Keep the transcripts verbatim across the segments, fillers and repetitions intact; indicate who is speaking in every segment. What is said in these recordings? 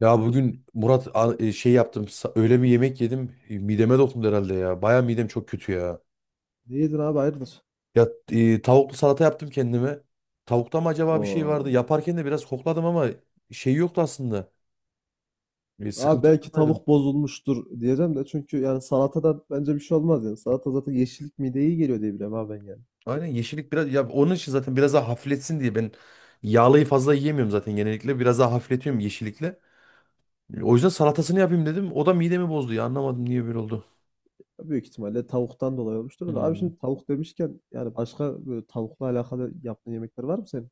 Speaker 1: Ya bugün Murat a- e, şey yaptım. sa- Öyle bir yemek yedim. e, Mideme dokundu herhalde ya. Baya midem çok kötü ya.
Speaker 2: Değildin abi, hayırdır?
Speaker 1: Ya e, tavuklu salata yaptım kendime. Tavukta mı acaba bir şey vardı?
Speaker 2: Oo.
Speaker 1: Yaparken de biraz kokladım ama şey yoktu aslında. E,
Speaker 2: Abi
Speaker 1: sıkıntı
Speaker 2: belki
Speaker 1: görmedim.
Speaker 2: tavuk bozulmuştur diyeceğim de, çünkü yani salatadan bence bir şey olmaz yani. Salata zaten yeşillik, mideye iyi geliyor diye biliyorum abi ben yani.
Speaker 1: Aynen, yeşillik biraz ya onun için zaten biraz daha hafifletsin diye ben yağlıyı fazla yiyemiyorum zaten genellikle. Biraz daha hafifletiyorum yeşillikle. E, O yüzden salatasını yapayım dedim. O da midemi bozdu ya. Anlamadım niye böyle oldu.
Speaker 2: Büyük ihtimalle tavuktan dolayı olmuştur da abi,
Speaker 1: Hmm.
Speaker 2: şimdi tavuk demişken yani başka böyle tavukla alakalı yaptığın yemekler var mı senin?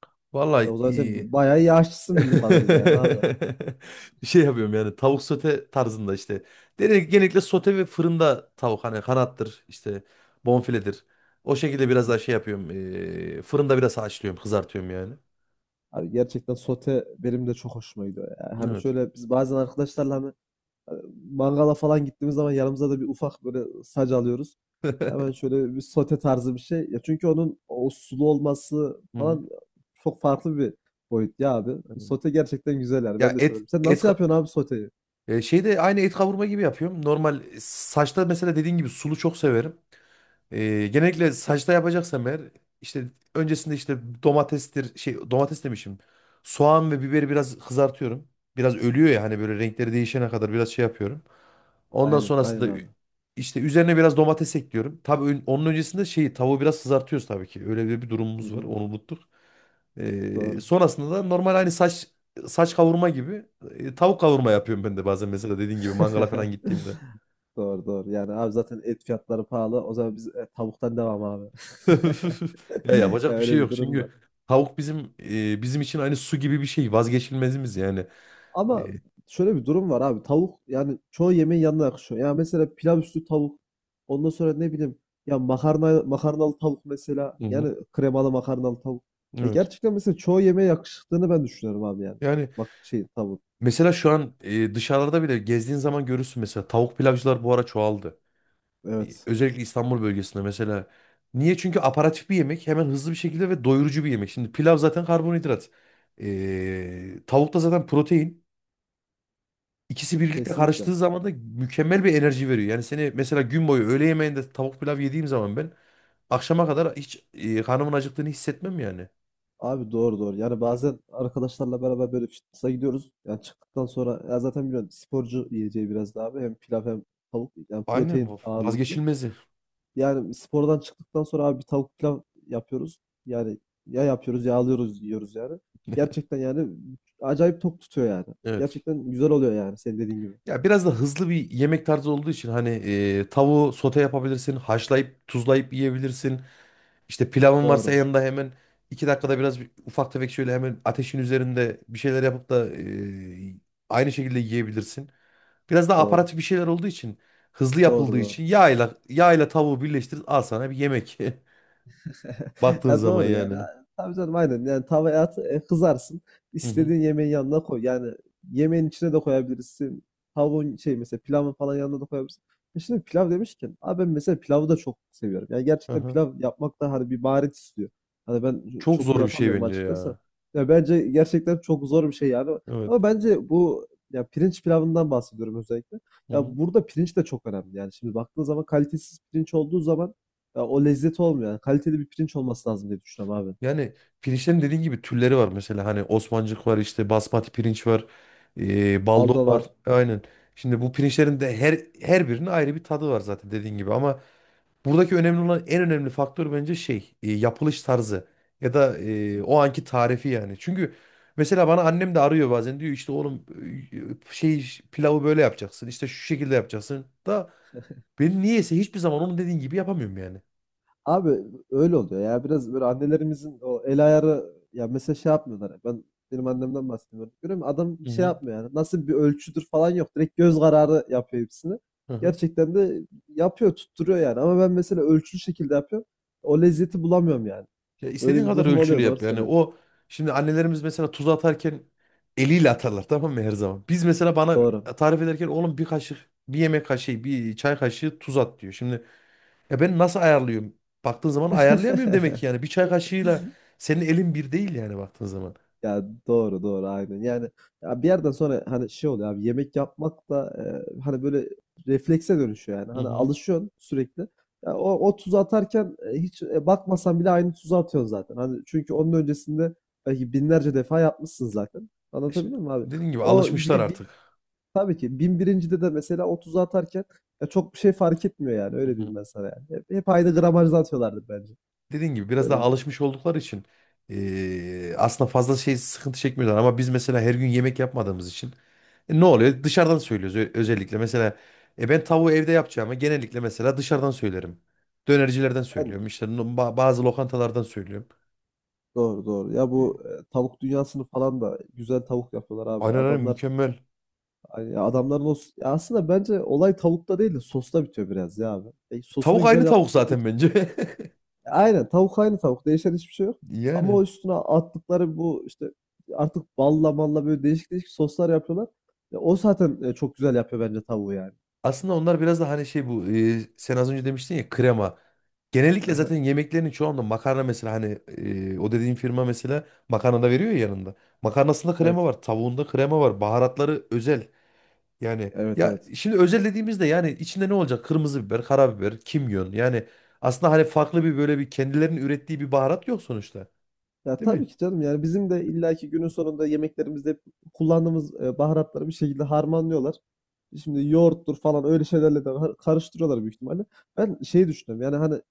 Speaker 2: E
Speaker 1: Vallahi
Speaker 2: o zaman
Speaker 1: e,
Speaker 2: sen bayağı iyi aşçısın bildiğim kadarıyla yani abi.
Speaker 1: bir şey yapıyorum yani, tavuk sote tarzında işte. Dedi genellikle sote ve fırında tavuk, hani kanattır işte, bonfiledir. O şekilde biraz
Speaker 2: Hı hı.
Speaker 1: daha şey yapıyorum. Eee, fırında biraz haşlıyorum, kızartıyorum yani.
Speaker 2: Abi gerçekten sote benim de çok hoşuma gidiyor. Yani hani
Speaker 1: Evet.
Speaker 2: şöyle, biz bazen arkadaşlarla hani mangala falan gittiğimiz zaman yanımıza da bir ufak böyle sac alıyoruz. Hemen şöyle bir sote tarzı bir şey. Ya çünkü onun o sulu olması
Speaker 1: Hı hı.
Speaker 2: falan çok farklı bir boyut ya abi.
Speaker 1: Anladım.
Speaker 2: Sote gerçekten güzel yani.
Speaker 1: Ya
Speaker 2: Ben de
Speaker 1: et
Speaker 2: severim. Sen
Speaker 1: et
Speaker 2: nasıl
Speaker 1: ka-
Speaker 2: yapıyorsun abi soteyi?
Speaker 1: e, şeyde aynı et kavurma gibi yapıyorum. Normal, e, saçta mesela dediğin gibi sulu çok severim. Ee, genellikle saçta yapacaksam eğer, işte öncesinde işte domatestir şey domates demişim. Soğan ve biberi biraz kızartıyorum. Biraz ölüyor ya, hani böyle renkleri değişene kadar biraz şey yapıyorum. Ondan
Speaker 2: Aynen, aynen
Speaker 1: sonrasında ü-
Speaker 2: abi.
Speaker 1: işte üzerine biraz domates ekliyorum. Tabii ön- onun öncesinde şeyi, tavuğu biraz kızartıyoruz tabii ki. Öyle bir bir
Speaker 2: Hı
Speaker 1: durumumuz var.
Speaker 2: hı.
Speaker 1: Onu unuttuk. Ee,
Speaker 2: Doğru.
Speaker 1: sonrasında da normal hani saç saç kavurma gibi, e, tavuk kavurma yapıyorum ben de bazen mesela, dediğin gibi mangala falan gittiğimde.
Speaker 2: Doğru doğru. Yani abi zaten et fiyatları pahalı. O zaman biz e, tavuktan devam abi.
Speaker 1: Ya
Speaker 2: Ya
Speaker 1: yapacak bir şey
Speaker 2: öyle bir
Speaker 1: yok
Speaker 2: durum var.
Speaker 1: çünkü tavuk bizim, e, bizim için aynı su gibi bir şey, vazgeçilmezimiz yani.
Speaker 2: Ama
Speaker 1: E,
Speaker 2: şöyle bir durum var abi. Tavuk yani çoğu yemeğin yanına yakışıyor. Ya mesela pilav üstü tavuk. Ondan sonra ne bileyim, ya makarna, makarnalı tavuk mesela.
Speaker 1: hı hı,
Speaker 2: Yani kremalı makarnalı tavuk. Ve
Speaker 1: evet.
Speaker 2: gerçekten mesela çoğu yemeğe yakıştığını ben düşünüyorum abi yani.
Speaker 1: Yani
Speaker 2: Bak şey, tavuk.
Speaker 1: mesela şu an e, dışarılarda bile gezdiğin zaman görürsün, mesela tavuk pilavcılar bu ara çoğaldı. E,
Speaker 2: Evet.
Speaker 1: özellikle İstanbul bölgesinde mesela. Niye? Çünkü aparatif bir yemek, hemen hızlı bir şekilde ve doyurucu bir yemek. Şimdi pilav zaten karbonhidrat. E, tavuk da zaten protein. İkisi birlikte
Speaker 2: Kesinlikle.
Speaker 1: karıştığı zaman da mükemmel bir enerji veriyor. Yani seni mesela gün boyu, öğle yemeğinde tavuk pilav yediğim zaman ben akşama kadar hiç e, karnımın acıktığını hissetmem yani.
Speaker 2: Abi doğru doğru. Yani bazen arkadaşlarla beraber böyle fitness'a gidiyoruz. Yani çıktıktan sonra ya zaten biliyorsun, sporcu yiyeceği biraz daha abi. Hem pilav hem tavuk. Yani
Speaker 1: Aynen
Speaker 2: protein
Speaker 1: bu
Speaker 2: ağırlıklı.
Speaker 1: vazgeçilmezi.
Speaker 2: Yani spordan çıktıktan sonra abi bir tavuk pilav yapıyoruz. Yani ya yapıyoruz ya alıyoruz yiyoruz yani. Gerçekten yani acayip tok tutuyor yani.
Speaker 1: Evet.
Speaker 2: Gerçekten güzel oluyor yani, senin dediğin gibi.
Speaker 1: Ya biraz da hızlı bir yemek tarzı olduğu için hani, e, tavuğu sote yapabilirsin, haşlayıp tuzlayıp yiyebilirsin. İşte pilavın varsa
Speaker 2: Doğru.
Speaker 1: yanında hemen iki dakikada biraz bir- ufak tefek şöyle hemen ateşin üzerinde bir şeyler yapıp da e, aynı şekilde yiyebilirsin. Biraz daha
Speaker 2: Doğru.
Speaker 1: aparatif bir şeyler olduğu için, hızlı
Speaker 2: Doğru
Speaker 1: yapıldığı
Speaker 2: doğru.
Speaker 1: için, yağla yağla tavuğu birleştir, al sana bir yemek. Baktığın
Speaker 2: Ya
Speaker 1: zaman
Speaker 2: doğru yani.
Speaker 1: yani.
Speaker 2: Tabii canım aynen. Yani tavaya at, e, kızarsın.
Speaker 1: Hı hı,
Speaker 2: İstediğin yemeğin yanına koy. Yani yemeğin içine de koyabilirsin. Tavuğun şey, mesela pilavın falan yanına da koyabilirsin. E şimdi pilav demişken abi, ben mesela pilavı da çok seviyorum. Yani
Speaker 1: hı
Speaker 2: gerçekten
Speaker 1: hı.
Speaker 2: pilav yapmak da hani bir maharet istiyor. Hani ben
Speaker 1: Çok
Speaker 2: çok iyi
Speaker 1: zor bir şey
Speaker 2: yapamıyorum
Speaker 1: bence
Speaker 2: açıkçası.
Speaker 1: ya.
Speaker 2: Ya bence gerçekten çok zor bir şey yani.
Speaker 1: Evet.
Speaker 2: Ama bence bu, ya pirinç pilavından bahsediyorum özellikle.
Speaker 1: Hı
Speaker 2: Ya
Speaker 1: hı.
Speaker 2: burada pirinç de çok önemli. Yani şimdi baktığın zaman kalitesiz pirinç olduğu zaman ya o lezzet olmuyor. Yani kaliteli bir pirinç olması lazım diye düşünüyorum abi.
Speaker 1: Yani pirinçlerin dediğin gibi türleri var mesela, hani Osmancık var, işte basmati pirinç var, e, baldo
Speaker 2: Aldo
Speaker 1: var.
Speaker 2: var.
Speaker 1: Aynen. Şimdi bu pirinçlerin de her her birinin ayrı bir tadı var zaten dediğin gibi, ama buradaki önemli olan, en önemli faktör bence şey, e, yapılış tarzı ya da e, o anki tarifi yani. Çünkü mesela bana annem de arıyor bazen, diyor işte oğlum, e, şey pilavı böyle yapacaksın, işte şu şekilde yapacaksın da, ben niyeyse hiçbir zaman onun dediğin gibi yapamıyorum yani.
Speaker 2: Abi öyle oluyor ya. Biraz böyle annelerimizin o el ayarı, ya mesela şey yapmıyorlar. Ben benim annemden bahsediyorum. Görüyor musun? Adam
Speaker 1: Hı
Speaker 2: şey
Speaker 1: hı.
Speaker 2: yapmıyor yani. Nasıl bir ölçüdür falan yok. Direkt göz kararı yapıyor hepsini.
Speaker 1: Hı hı.
Speaker 2: Gerçekten de yapıyor, tutturuyor yani. Ama ben mesela ölçülü şekilde yapıyorum. O lezzeti bulamıyorum yani.
Speaker 1: Ya
Speaker 2: Öyle
Speaker 1: istediğin
Speaker 2: bir
Speaker 1: kadar
Speaker 2: durum
Speaker 1: ölçülü
Speaker 2: oluyor. Doğru
Speaker 1: yap yani.
Speaker 2: söylüyorsun.
Speaker 1: O, şimdi annelerimiz mesela tuz atarken eliyle atarlar, tamam mı, her zaman. Biz mesela, bana
Speaker 2: Doğru.
Speaker 1: tarif ederken oğlum bir kaşık, bir yemek kaşığı, bir çay kaşığı tuz at diyor. Şimdi ya ben nasıl ayarlıyorum? Baktığın zaman ayarlayamıyorum demek ki yani. Bir çay kaşığıyla senin elin bir değil yani, baktığın zaman.
Speaker 2: Ya doğru doğru aynen. Yani ya bir yerden sonra hani şey oluyor abi, yemek yapmak da, e, hani böyle reflekse dönüşüyor yani.
Speaker 1: Hı
Speaker 2: Hani
Speaker 1: hı.
Speaker 2: alışıyorsun sürekli. Ya o, o tuzu atarken, e, hiç e, bakmasan bile aynı tuzu atıyorsun zaten. Hani çünkü onun öncesinde belki binlerce defa yapmışsın zaten.
Speaker 1: E şimdi,
Speaker 2: Anlatabildim mi abi?
Speaker 1: dediğin gibi
Speaker 2: O
Speaker 1: alışmışlar
Speaker 2: bir, bir-
Speaker 1: artık.
Speaker 2: tabii ki bin birincide de mesela o tuzu atarken ya çok bir şey fark etmiyor yani.
Speaker 1: Hı
Speaker 2: Öyle
Speaker 1: hı.
Speaker 2: diyeyim ben sana yani. Hep, hep aynı gramajda atıyorlardı bence.
Speaker 1: Dediğin gibi biraz
Speaker 2: Öyle
Speaker 1: daha
Speaker 2: bir durum var.
Speaker 1: alışmış oldukları için eee, aslında fazla şey, sıkıntı çekmiyorlar. Ama biz mesela her gün yemek yapmadığımız için e, ne oluyor? Dışarıdan söylüyoruz, ö- özellikle. Mesela e, ben tavuğu evde yapacağımı, genellikle mesela dışarıdan söylerim. Dönercilerden
Speaker 2: Ben
Speaker 1: söylüyorum.
Speaker 2: de.
Speaker 1: İşte no- ba- bazı lokantalardan söylüyorum.
Speaker 2: Doğru doğru. Ya bu e, tavuk dünyasını falan da güzel tavuk yapıyorlar abi.
Speaker 1: Aynen, aynen,
Speaker 2: Adamlar,
Speaker 1: mükemmel.
Speaker 2: hani adamların o s- ya aslında bence olay tavukta değil de sosta bitiyor biraz ya abi. E, sosunu
Speaker 1: Tavuk
Speaker 2: güzel
Speaker 1: aynı tavuk
Speaker 2: yaptıkları
Speaker 1: zaten
Speaker 2: için.
Speaker 1: bence.
Speaker 2: E, aynen, tavuk aynı tavuk. Değişen hiçbir şey yok. Ama o
Speaker 1: Yani
Speaker 2: üstüne attıkları bu işte artık balla malla böyle değişik değişik soslar yapıyorlar. Ya o zaten e, çok güzel yapıyor bence tavuğu yani.
Speaker 1: aslında onlar biraz da hani şey, bu e, sen az önce demiştin ya, krema. Genellikle zaten
Speaker 2: Aha.
Speaker 1: yemeklerin çoğunda makarna mesela hani, e, o dediğin firma mesela makarna da veriyor ya yanında. Makarnasında krema
Speaker 2: Evet.
Speaker 1: var, tavuğunda krema var, baharatları özel. Yani
Speaker 2: Evet
Speaker 1: ya
Speaker 2: evet.
Speaker 1: şimdi özel dediğimizde yani içinde ne olacak? Kırmızı biber, karabiber, kimyon. Yani aslında hani farklı bir böyle bir kendilerinin ürettiği bir baharat yok sonuçta.
Speaker 2: Ya
Speaker 1: Değil
Speaker 2: tabii
Speaker 1: mi?
Speaker 2: ki canım, yani bizim de illaki günün sonunda yemeklerimizde hep kullandığımız e, baharatları bir şekilde harmanlıyorlar. Şimdi yoğurttur falan öyle şeylerle de har- karıştırıyorlar büyük ihtimalle. Ben şey düşünüyorum yani, hani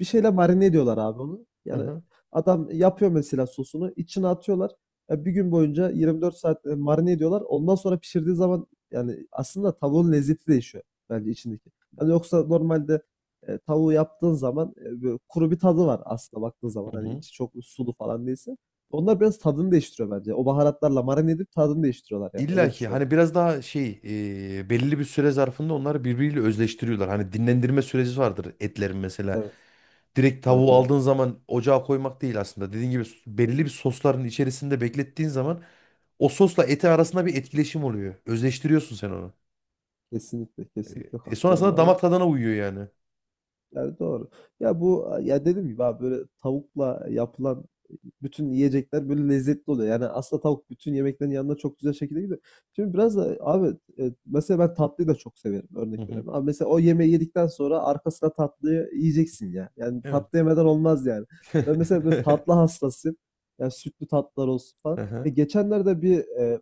Speaker 2: bir şeyle marine ediyorlar abi onu.
Speaker 1: Hı
Speaker 2: Yani
Speaker 1: hı.
Speaker 2: adam yapıyor, mesela sosunu içine atıyorlar. Ya bir gün boyunca yirmi dört saat e, marine ediyorlar. Ondan sonra pişirdiği zaman yani aslında tavuğun lezzeti değişiyor bence içindeki. Yani yoksa normalde e, tavuğu yaptığın zaman e, böyle kuru bir tadı var aslında baktığın zaman.
Speaker 1: Hı
Speaker 2: Hani
Speaker 1: hı.
Speaker 2: içi çok sulu falan değilse. Onlar biraz tadını değiştiriyor bence. O baharatlarla marine edip tadını değiştiriyorlar yani.
Speaker 1: İlla
Speaker 2: Öyle
Speaker 1: ki
Speaker 2: düşünüyorum.
Speaker 1: hani biraz daha şey, e, belirli bir süre zarfında onları birbiriyle özleştiriyorlar. Hani dinlendirme süreci vardır etlerin mesela.
Speaker 2: Evet.
Speaker 1: Direkt
Speaker 2: Evet
Speaker 1: tavuğu
Speaker 2: evet.
Speaker 1: aldığın zaman ocağa koymak değil aslında. Dediğin gibi, s- belirli bir sosların içerisinde beklettiğin zaman o sosla eti arasında bir etkileşim oluyor. Özleştiriyorsun sen onu.
Speaker 2: Kesinlikle.
Speaker 1: E,
Speaker 2: Kesinlikle
Speaker 1: e,
Speaker 2: katılıyorum
Speaker 1: sonrasında
Speaker 2: abi.
Speaker 1: damak tadına uyuyor yani.
Speaker 2: Yani doğru. Ya bu, ya dedim gibi abi, böyle tavukla yapılan bütün yiyecekler böyle lezzetli oluyor. Yani aslında tavuk bütün yemeklerin yanına çok güzel şekilde gidiyor. Şimdi biraz da abi, e, mesela ben tatlıyı da çok severim,
Speaker 1: Hı
Speaker 2: örnek
Speaker 1: hı.
Speaker 2: veriyorum. Abi mesela o yemeği yedikten sonra arkasına tatlıyı yiyeceksin ya. Yani
Speaker 1: Evet.
Speaker 2: tatlı yemeden olmaz yani. Ben mesela böyle tatlı hastasıyım. Yani sütlü tatlılar olsun falan.
Speaker 1: Hı
Speaker 2: Ya
Speaker 1: hı,
Speaker 2: geçenlerde bir e,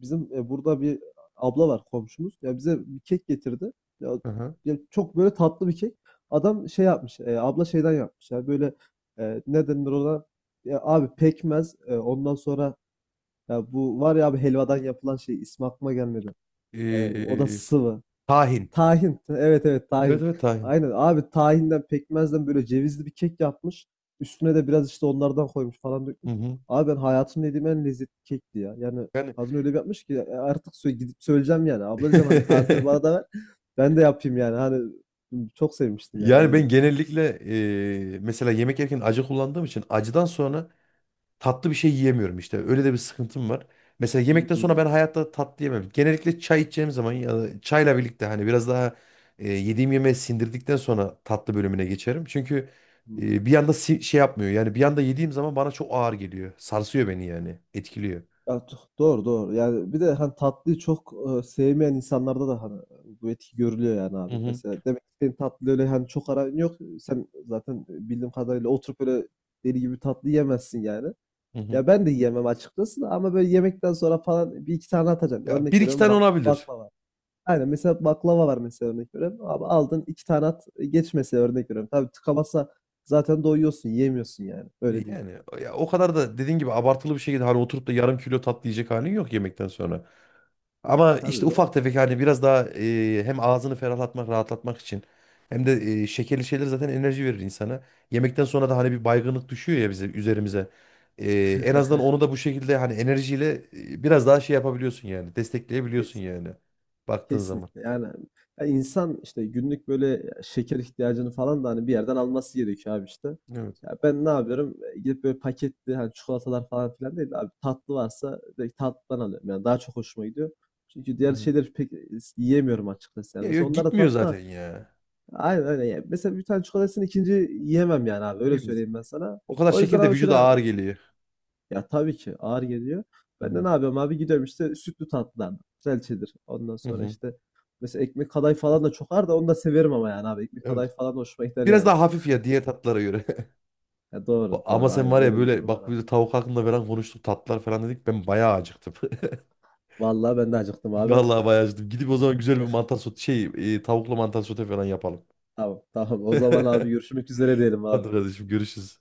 Speaker 2: bizim e, burada bir abla var, komşumuz. Ya bize bir kek getirdi. Ya,
Speaker 1: hı hı.
Speaker 2: ya çok böyle tatlı bir kek. Adam şey yapmış, e, abla şeyden yapmış yani, böyle, e, ne denir ona? Ya abi pekmez, e, ondan sonra ya bu var ya abi, helvadan yapılan şey, ismi aklıma gelmedi. E, o da
Speaker 1: Ee,
Speaker 2: sıvı.
Speaker 1: Tahin.
Speaker 2: Tahin. Evet evet,
Speaker 1: Evet,
Speaker 2: tahin.
Speaker 1: evet, tahin.
Speaker 2: Aynen abi, tahinden pekmezden böyle cevizli bir kek yapmış. Üstüne de biraz işte onlardan koymuş, falan
Speaker 1: Hı
Speaker 2: dökmüş.
Speaker 1: hı.
Speaker 2: Abi ben hayatımda yediğim en lezzetli kekti ya. Yani
Speaker 1: Yani
Speaker 2: kadın öyle bir yapmış ki ya, artık sö- gidip söyleyeceğim yani. Abla diyeceğim, hani tarifi bana da ver. Ben de yapayım yani. Hani çok sevmiştim yani, öyle
Speaker 1: yani ben
Speaker 2: diyeyim.
Speaker 1: genellikle, e, mesela yemek yerken acı kullandığım için acıdan sonra tatlı bir şey yiyemiyorum işte. Öyle de bir sıkıntım var. Mesela yemekten sonra ben
Speaker 2: Hmm,
Speaker 1: hayatta tatlı yemem. Genellikle çay içeceğim zaman ya da çayla birlikte hani biraz daha e, yediğim yemeği sindirdikten sonra tatlı bölümüne geçerim. Çünkü
Speaker 2: hmm.
Speaker 1: e, bir anda si- şey yapmıyor. Yani bir anda yediğim zaman bana çok ağır geliyor. Sarsıyor beni yani. Etkiliyor.
Speaker 2: Ya do- doğru doğru. Yani bir de hani tatlıyı çok e, sevmeyen insanlarda da hani e, bu etki görülüyor yani
Speaker 1: Hı
Speaker 2: abi.
Speaker 1: hı,
Speaker 2: Mesela demek ki senin tatlı, öyle hani çok aran yok. Sen zaten e, bildiğim kadarıyla oturup öyle deli gibi tatlı yemezsin yani.
Speaker 1: hı hı.
Speaker 2: Ya ben de yiyemem açıkçası da, ama böyle yemekten sonra falan bir iki tane atacaksın.
Speaker 1: Ya bir
Speaker 2: Örnek
Speaker 1: iki
Speaker 2: veriyorum
Speaker 1: tane
Speaker 2: bakla,
Speaker 1: olabilir.
Speaker 2: baklava. Aynen, mesela baklava var mesela, örnek veriyorum. Abi aldın iki tane at e, geç mesela, örnek veriyorum. Tabii tıkamazsa zaten doyuyorsun, yiyemiyorsun yani.
Speaker 1: E,
Speaker 2: Öyle değil.
Speaker 1: Yani ya o kadar da dediğin gibi abartılı bir şekilde hani oturup da yarım kilo tatlı yiyecek halin yok yemekten sonra.
Speaker 2: Yani
Speaker 1: Ama işte
Speaker 2: tabii doğru.
Speaker 1: ufak tefek hani biraz daha, e, hem ağzını ferahlatmak, rahatlatmak için, hem de e, şekerli şeyler zaten enerji verir insana. Yemekten sonra da hani bir baygınlık düşüyor ya bize üzerimize. E, En azından onu da bu şekilde hani enerjiyle e, biraz daha şey yapabiliyorsun yani. Destekleyebiliyorsun
Speaker 2: Kesin.
Speaker 1: yani. Baktığın zaman.
Speaker 2: Kesinlikle yani, ya insan işte günlük böyle şeker ihtiyacını falan da hani bir yerden alması gerekiyor abi işte.
Speaker 1: Evet.
Speaker 2: Ya ben ne yapıyorum? E, gidip böyle paketli hani çikolatalar falan filan değil de, abi tatlı varsa direkt tatlıdan alıyorum. Yani daha çok hoşuma gidiyor. Çünkü
Speaker 1: Hı
Speaker 2: diğer
Speaker 1: hı.
Speaker 2: şeyleri pek e, yiyemiyorum açıkçası yani.
Speaker 1: Ya
Speaker 2: Mesela
Speaker 1: yok,
Speaker 2: onlar da
Speaker 1: gitmiyor
Speaker 2: tatlı ama
Speaker 1: zaten ya.
Speaker 2: aynen öyle. Yani mesela bir tane çikolatasını ikinci yiyemem yani abi, öyle
Speaker 1: Yiyemez.
Speaker 2: söyleyeyim ben sana.
Speaker 1: O kadar
Speaker 2: O yüzden
Speaker 1: şeker de
Speaker 2: abi
Speaker 1: vücuda
Speaker 2: şöyle,
Speaker 1: ağır geliyor.
Speaker 2: ya tabii ki ağır geliyor.
Speaker 1: Hı
Speaker 2: Ben de
Speaker 1: hı.
Speaker 2: ne yapıyorum abi? Gidiyorum işte sütlü tatlılardan. Güzelçedir. Ondan
Speaker 1: Hı
Speaker 2: sonra
Speaker 1: hı.
Speaker 2: işte mesela ekmek kadayıf falan da çok ağır, da onu da severim ama yani abi. Ekmek
Speaker 1: Evet.
Speaker 2: kadayıf falan da hoşuma gider
Speaker 1: Biraz
Speaker 2: yani.
Speaker 1: daha hafif ya diğer tatlara göre.
Speaker 2: Ya doğru
Speaker 1: Bu- Ama
Speaker 2: doğru
Speaker 1: sen
Speaker 2: aynen,
Speaker 1: var ya,
Speaker 2: öyle bir
Speaker 1: böyle
Speaker 2: durum var
Speaker 1: bak,
Speaker 2: abi.
Speaker 1: biz de tavuk hakkında falan konuştuk, tatlılar falan dedik. Ben bayağı acıktım.
Speaker 2: Vallahi ben de acıktım abi.
Speaker 1: Vallahi bayağı acıktım. Gidip o zaman güzel bir mantar sote şey e, tavuklu mantar sote falan yapalım.
Speaker 2: Tamam tamam, o zaman abi görüşmek üzere diyelim
Speaker 1: Hadi
Speaker 2: abi.
Speaker 1: kardeşim, görüşürüz.